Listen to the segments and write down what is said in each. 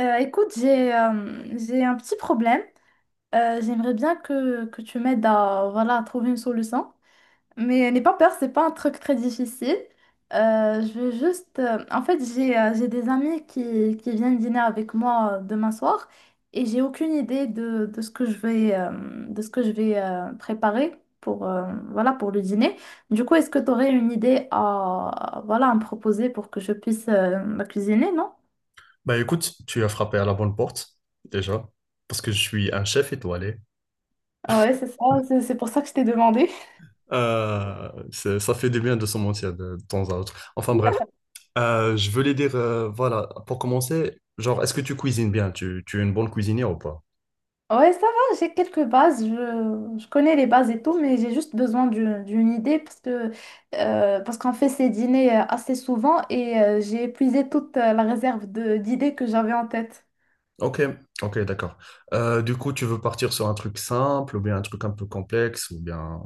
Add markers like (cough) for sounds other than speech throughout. Écoute, j'ai un petit problème. J'aimerais bien que tu m'aides à trouver une solution. Mais n'aie pas peur, c'est pas un truc très difficile. Je veux juste en fait, j'ai des amis qui viennent dîner avec moi demain soir et j'ai aucune idée de ce que je vais préparer pour le dîner. Du coup, est-ce que tu aurais une idée à me proposer pour que je puisse la cuisiner, non? Bah écoute, tu as frappé à la bonne porte, déjà, parce que je suis un chef étoilé. Ah, ouais, c'est ça, c'est pour ça que je t'ai demandé. Ça fait du bien de se mentir de temps à autre. Enfin bref, Je voulais dire, voilà, pour commencer, genre, est-ce que tu cuisines bien? Tu es une bonne cuisinière ou pas? Ouais, ça va, j'ai quelques bases, je connais les bases et tout, mais j'ai juste besoin d'une idée parce que, parce qu'on fait ces dîners assez souvent et j'ai épuisé toute la réserve d'idées que j'avais en tête. Ok, ok, d'accord. Du coup, tu veux partir sur un truc simple ou bien un truc un peu complexe ou bien.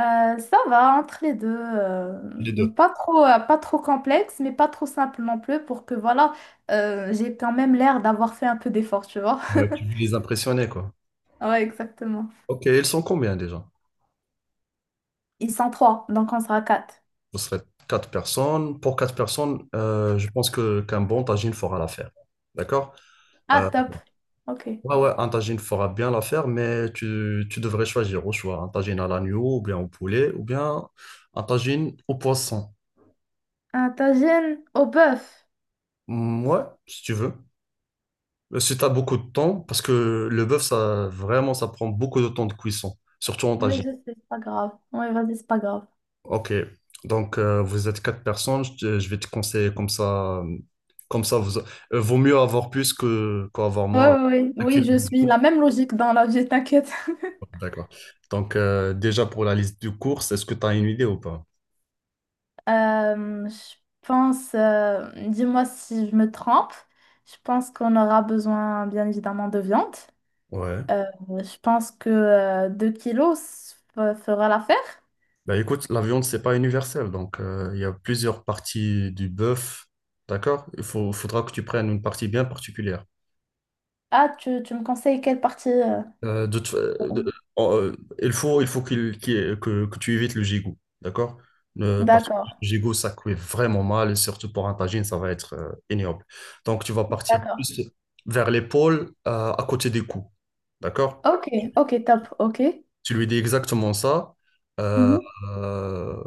Ça va, entre les deux, euh, Les deux. pas trop, euh, pas trop complexe, mais pas trop simple non plus pour que, voilà, j'ai quand même l'air d'avoir fait un peu d'effort, tu vois. Tu (laughs) veux les impressionner, quoi. Ouais, exactement. Ok, ils sont combien déjà? Ils sont trois, donc on sera quatre. Vous serez quatre personnes. Pour quatre personnes, je pense que qu'un bon tagine fera l'affaire. D'accord? Euh, Ah, top. Ok. ouais, ouais, un tagine fera bien l'affaire, mais tu devrais choisir au choix un tagine à l'agneau, ou bien au poulet, ou bien un tagine au poisson. Ah, tagine au bœuf. Mm, ouais, si tu veux. Si tu as beaucoup de temps, parce que le bœuf, ça, vraiment, ça prend beaucoup de temps de cuisson, surtout en Oui, tagine. je sais, c'est pas grave. Oui, vas-y, c'est pas grave. Ok, donc, vous êtes quatre personnes, je vais te conseiller comme ça, vaut mieux avoir plus que qu'avoir Oui, moins. oui, oui, Ok, oui, je suis la même logique dans la vie, t'inquiète. (laughs) d'accord. Donc, déjà pour la liste de courses, est-ce que tu as une idée ou pas? Je pense, dis-moi si je me trompe, je pense qu'on aura besoin bien évidemment de viande. Ouais. Euh, je pense que 2 kilos fera l'affaire. Bah écoute, la viande, c'est pas universel. Donc, il y a plusieurs parties du bœuf. D'accord? Faudra que tu prennes une partie bien particulière. Ah, tu me conseilles quelle partie De toute fa- de- en- Il faut que tu évites le gigot. D'accord? Parce que d'accord, le gigot, ça cuit vraiment mal. Et surtout pour un tagine, ça va être ignoble. Donc, tu vas partir d'accord. plus vers l'épaule, à côté des coups. D'accord? Ok, ok, top, ok. Tu lui dis exactement ça. Mhm. Mhm. euh,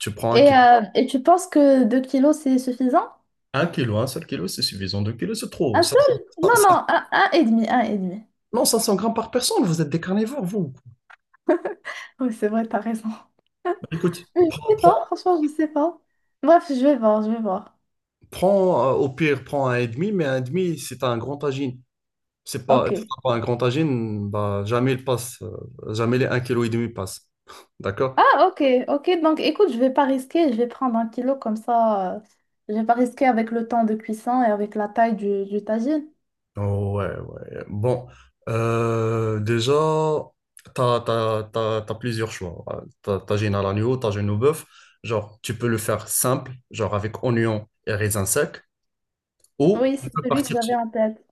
tu prends Et tu penses que 2 kilos c'est suffisant? Un seul kilo, c'est suffisant. 2 kilos, c'est trop. Un 500 seul? Non, 500 non, un et demi, un et demi. non, 500 grammes par personne, vous êtes des carnivores, vous. (laughs) Oui, c'est vrai, t'as raison. (laughs) Écoute, Mais prends, je sais pas, prends- franchement, je sais pas. Bref, je vais voir, je vais voir. Au pire, prends un et demi, mais un et demi, c'est un grand tagine. C'est pas, Ok. si pas un grand tagine, bah, jamais il passe, jamais les 1,5 kilo passe. (laughs) D'accord? Ah, ok, ok. Donc, écoute, je vais pas risquer, je vais prendre un kilo comme ça. Je vais pas risquer avec le temps de cuisson et avec la taille du tagine. Ouais, ouais. Bon, déjà, t'as plusieurs choix. T'as t'as géné à l'agneau, t'as géné au bœuf. Genre, tu peux le faire simple, genre avec oignon et raisin sec, ou Oui, tu c'est peux celui que partir, j'avais en tête.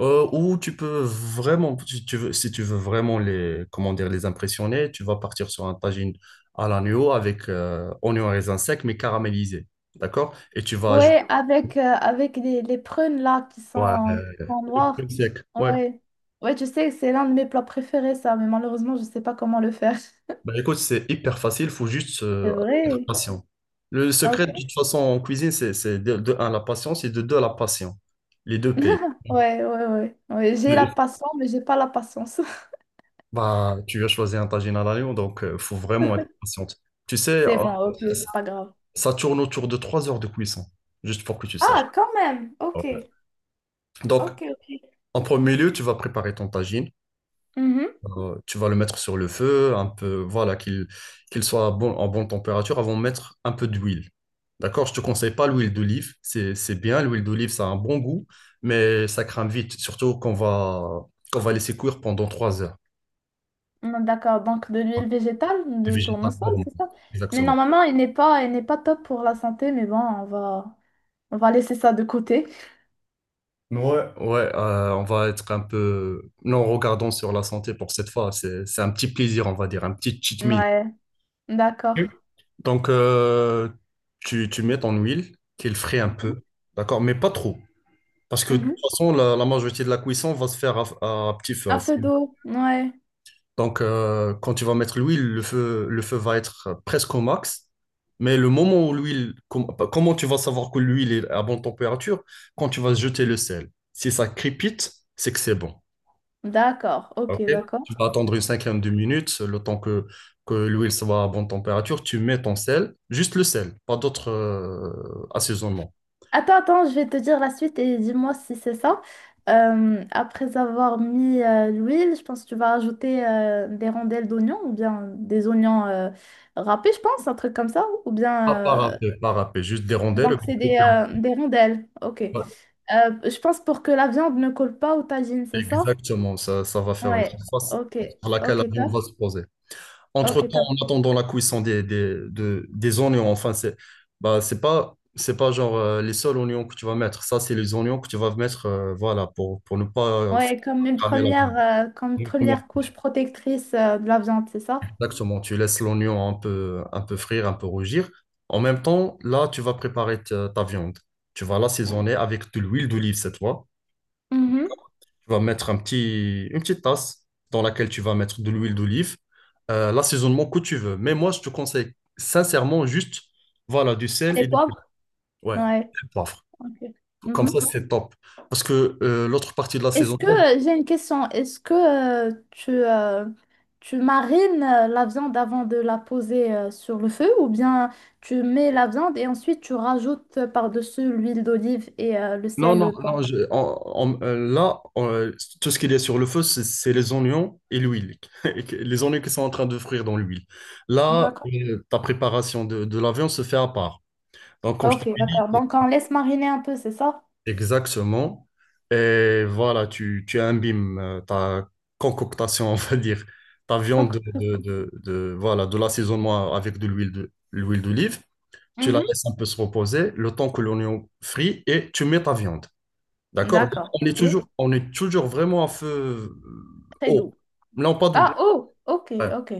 ou tu peux vraiment, si tu veux vraiment les, comment dire, les impressionner, tu vas partir sur un tagine à l'agneau avec oignon et raisin sec, mais caramélisé. D'accord? Et tu vas Oui, ajouter, avec, avec les prunes là qui ouais, sont, qui sont crème noires. sec. Ouais. Oui. Ouais, tu sais, c'est l'un de mes plats préférés, ça, mais malheureusement, je sais pas comment le faire. (laughs) Bah, écoute, c'est hyper facile, faut juste C'est être vrai. patient. Le Ok, secret, de toute façon, en cuisine, c'est de un, la patience et de deux, la passion. Les deux payent. ouais, ouais, ouais. Ouais, j'ai Oui. la (laughs) passion, mais j'ai pas la patience. (laughs) Bah, tu vas choisir un tagine à l'agneau, donc il faut vraiment être patiente. Tu sais, C'est bon, ok, c'est pas grave. ça tourne autour de 3 heures de cuisson, juste pour que tu saches. Ah, quand même, Ouais. ok, Donc, ok, ok. en premier lieu, tu vas préparer ton tagine. Mhm. Tu vas le mettre sur le feu, un peu, voilà, qu'il soit à bon, en bonne température avant de mettre un peu d'huile. D'accord? Je te conseille pas l'huile d'olive, c'est bien, l'huile d'olive, ça a un bon goût, mais ça crame vite, surtout qu'on va laisser cuire pendant 3 heures. Mm, d'accord, donc de l'huile végétale, Les de végétal tournesol, gourmand. c'est ça. Mais Exactement. normalement, il n'est pas top pour la santé, mais bon, on va laisser ça de côté. Ouais, ouais, on va être un peu. Non, regardons sur la santé pour cette fois. C'est un petit plaisir, on va dire, un petit cheat meal. Ouais, Ok. d'accord. Donc, tu mets ton huile, qu'il frais un Mhm. peu, d'accord, mais pas trop. Parce que de toute Mhm. façon, la majorité de la cuisson va se faire à petit feu. À À fou. feu d'eau, ouais. Donc, quand tu vas mettre l'huile, le feu va être presque au max. Mais le moment où l'huile, bah, comment tu vas savoir que l'huile est à bonne température? Quand tu vas jeter le sel. Si ça crépite, c'est que c'est bon. D'accord, ok, Ok. Tu vas d'accord. attendre une cinquantaine de minutes, le temps que l'huile soit à bonne température. Tu mets ton sel, juste le sel, pas d'autres assaisonnements. Attends, attends, je vais te dire la suite et dis-moi si c'est ça. Après avoir mis l'huile, je pense que tu vas ajouter des rondelles d'oignons ou bien des oignons râpés, je pense, un truc comme ça. Ou bien. Pas parapé, parapé, juste des rondelles. Donc, c'est des rondelles. Ok. Je pense pour que la viande ne colle pas au tagine, c'est ça? Exactement, ça va faire une Ouais. surface Ok. sur laquelle la Ok, viande top. va se poser. Ok, Entre-temps, en top. attendant la cuisson des oignons, enfin, c'est bah, c'est pas genre les seuls oignons que tu vas mettre. Ça, c'est les oignons que tu vas mettre voilà, pour ne pas faire Ouais, cramer la comme une viande. première couche protectrice de la viande, c'est ça? Exactement, tu laisses l'oignon un peu frire, un peu rougir. En même temps, là, tu vas préparer ta viande. Tu vas l'assaisonner avec de l'huile d'olive cette fois. Mhm. Tu vas mettre un petit, une petite tasse dans laquelle tu vas mettre de l'huile d'olive, l'assaisonnement que tu veux. Mais moi, je te conseille sincèrement juste, voilà, du C'est sel les et du poivres? ouais, Ouais. du poivre. Ok. Comme ça, Mhm. c'est top. Parce que l'autre partie de Est-ce que, l'assaisonnement, j'ai une question, est-ce que tu marines la viande avant de la poser sur le feu ou bien tu mets la viande et ensuite tu rajoutes par-dessus l'huile d'olive et le non, sel, non, le non, poivre? Là, tout ce qu'il y a sur le feu, c'est les oignons et l'huile. (laughs) Et les oignons qui sont en train de frire dans l'huile. Là, D'accord. Ta préparation de la viande se fait à part. Donc, comme je t'ai Ok, dit. d'accord. Donc on laisse mariner un peu, c'est ça? Exactement. Et voilà, tu imbimes ta concoctation, (laughs) on va dire, ta viande Donc, voilà, de l'assaisonnement avec de l'huile l'huile d'olive. Tu la mhm. laisses un peu se reposer le temps que l'oignon frit et tu mets ta viande. D'accord? D'accord. On est Ok. toujours, on est toujours vraiment à feu Très haut. doux. Non, pas doux. Ah, oh, ok, Ouais. ok.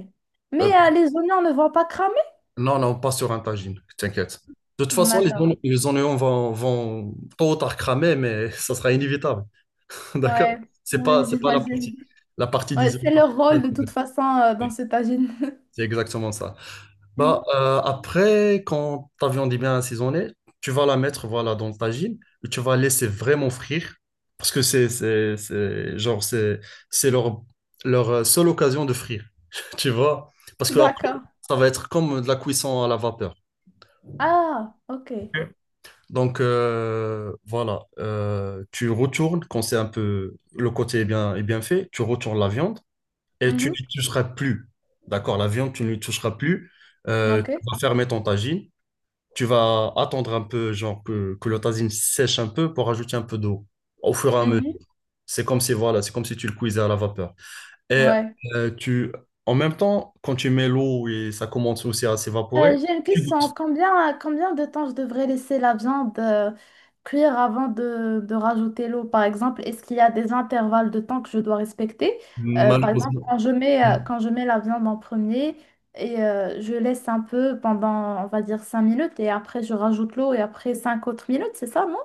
Mais Euh, les oignons ne vont pas cramer? non, non, pas sur un tagine, t'inquiète. De toute façon, les, D'accord. oignons les oignons vont tôt ou tard cramer, mais (laughs) ça sera inévitable. (laughs) D'accord? Ouais, C'est pas, oui, c'est pas la j'imagine. partie, la partie Ouais, d'isolement. c'est leur rôle de toute façon dans ce tagine. C'est exactement ça. (laughs) Bah, Mhm. Après, quand ta viande est bien assaisonnée, tu vas la mettre voilà, dans le tagine et tu vas laisser vraiment frire parce que c'est leur seule occasion de frire, (laughs) tu vois? Parce que après, D'accord. ça va être comme de la cuisson à la vapeur. Ah, ok. Ok. Donc voilà. Tu retournes quand c'est un peu le côté est bien fait, tu retournes la viande et tu Mhm. n'y toucheras plus. D'accord, la viande, tu ne lui toucheras plus. Euh, Ok. tu vas fermer ton tagine. Tu vas attendre un peu, genre que le tagine sèche un peu pour ajouter un peu d'eau au fur et à mesure. Mhm. C'est comme si, voilà, c'est comme si tu le cuisais à la vapeur. Et Ouais. euh, tu, en même temps, quand tu mets l'eau et ça commence aussi à s'évaporer, J'ai une tu question. goûtes. Combien, combien de temps je devrais laisser la viande cuire avant de rajouter l'eau, par exemple? Est-ce qu'il y a des intervalles de temps que je dois respecter? Par exemple, Malheureusement, quand je mets la viande en premier et je laisse un peu pendant, on va dire, 5 minutes et après je rajoute l'eau et après 5 autres minutes, c'est ça, non?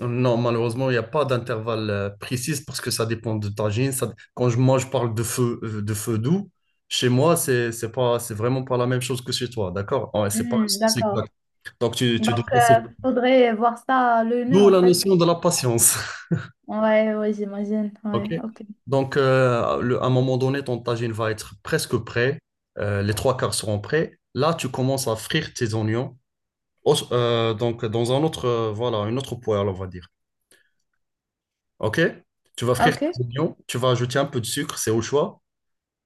Non, malheureusement, il n'y a pas d'intervalle précis parce que ça dépend de ta gym. Quand je, moi, je parle de feu doux, chez moi, c'est pas, c'est vraiment pas la même chose que chez toi, d'accord? Ah ouais, c'est pas le Hmm, sens d'accord. exact. Donc, tu dois Donc, passer. Faudrait voir ça à l'œil nu, D'où en la fait. notion de la patience, Ouais, ouais, j'imagine. (laughs) ok? Ouais, ok. Donc, à un moment donné, ton tagine va être presque prêt. Les trois quarts seront prêts. Là, tu commences à frire tes oignons. Donc, dans un autre, voilà, une autre poêle, on va dire. OK? Tu vas frire Ok, tes oignons, tu vas ajouter un peu de sucre, c'est au choix,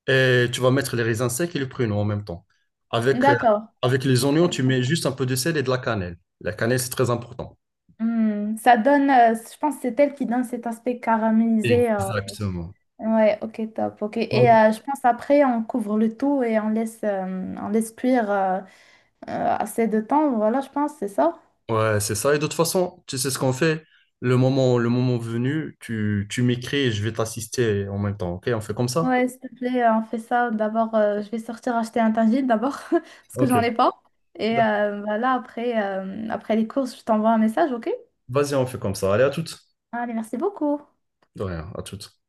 et tu vas mettre les raisins secs et le pruneau en même temps. Avec, euh, d'accord. Avec les oignons, tu mets juste un peu de sel et de la cannelle. La cannelle, c'est très important. Hmm, ça donne, je pense que c'est elle qui donne cet aspect caramélisé. Exactement. Ouais, ok, top. Ok. Et Donc, je pense après, on couvre le tout et on laisse cuire assez de temps. Voilà, je pense, c'est ça. ouais, c'est ça. Et de toute façon, tu sais ce qu'on fait. Le moment venu, tu m'écris et je vais t'assister en même temps. OK? On fait comme ça? Ouais, s'il te plaît, on fait ça. D'abord, je vais sortir acheter un tagine d'abord, (laughs) parce que j'en OK. ai pas. Et voilà, après, après les courses, je t'envoie un message, ok? Vas-y, on fait comme ça. Allez, à toutes. Allez, merci beaucoup. De rien, à toutes.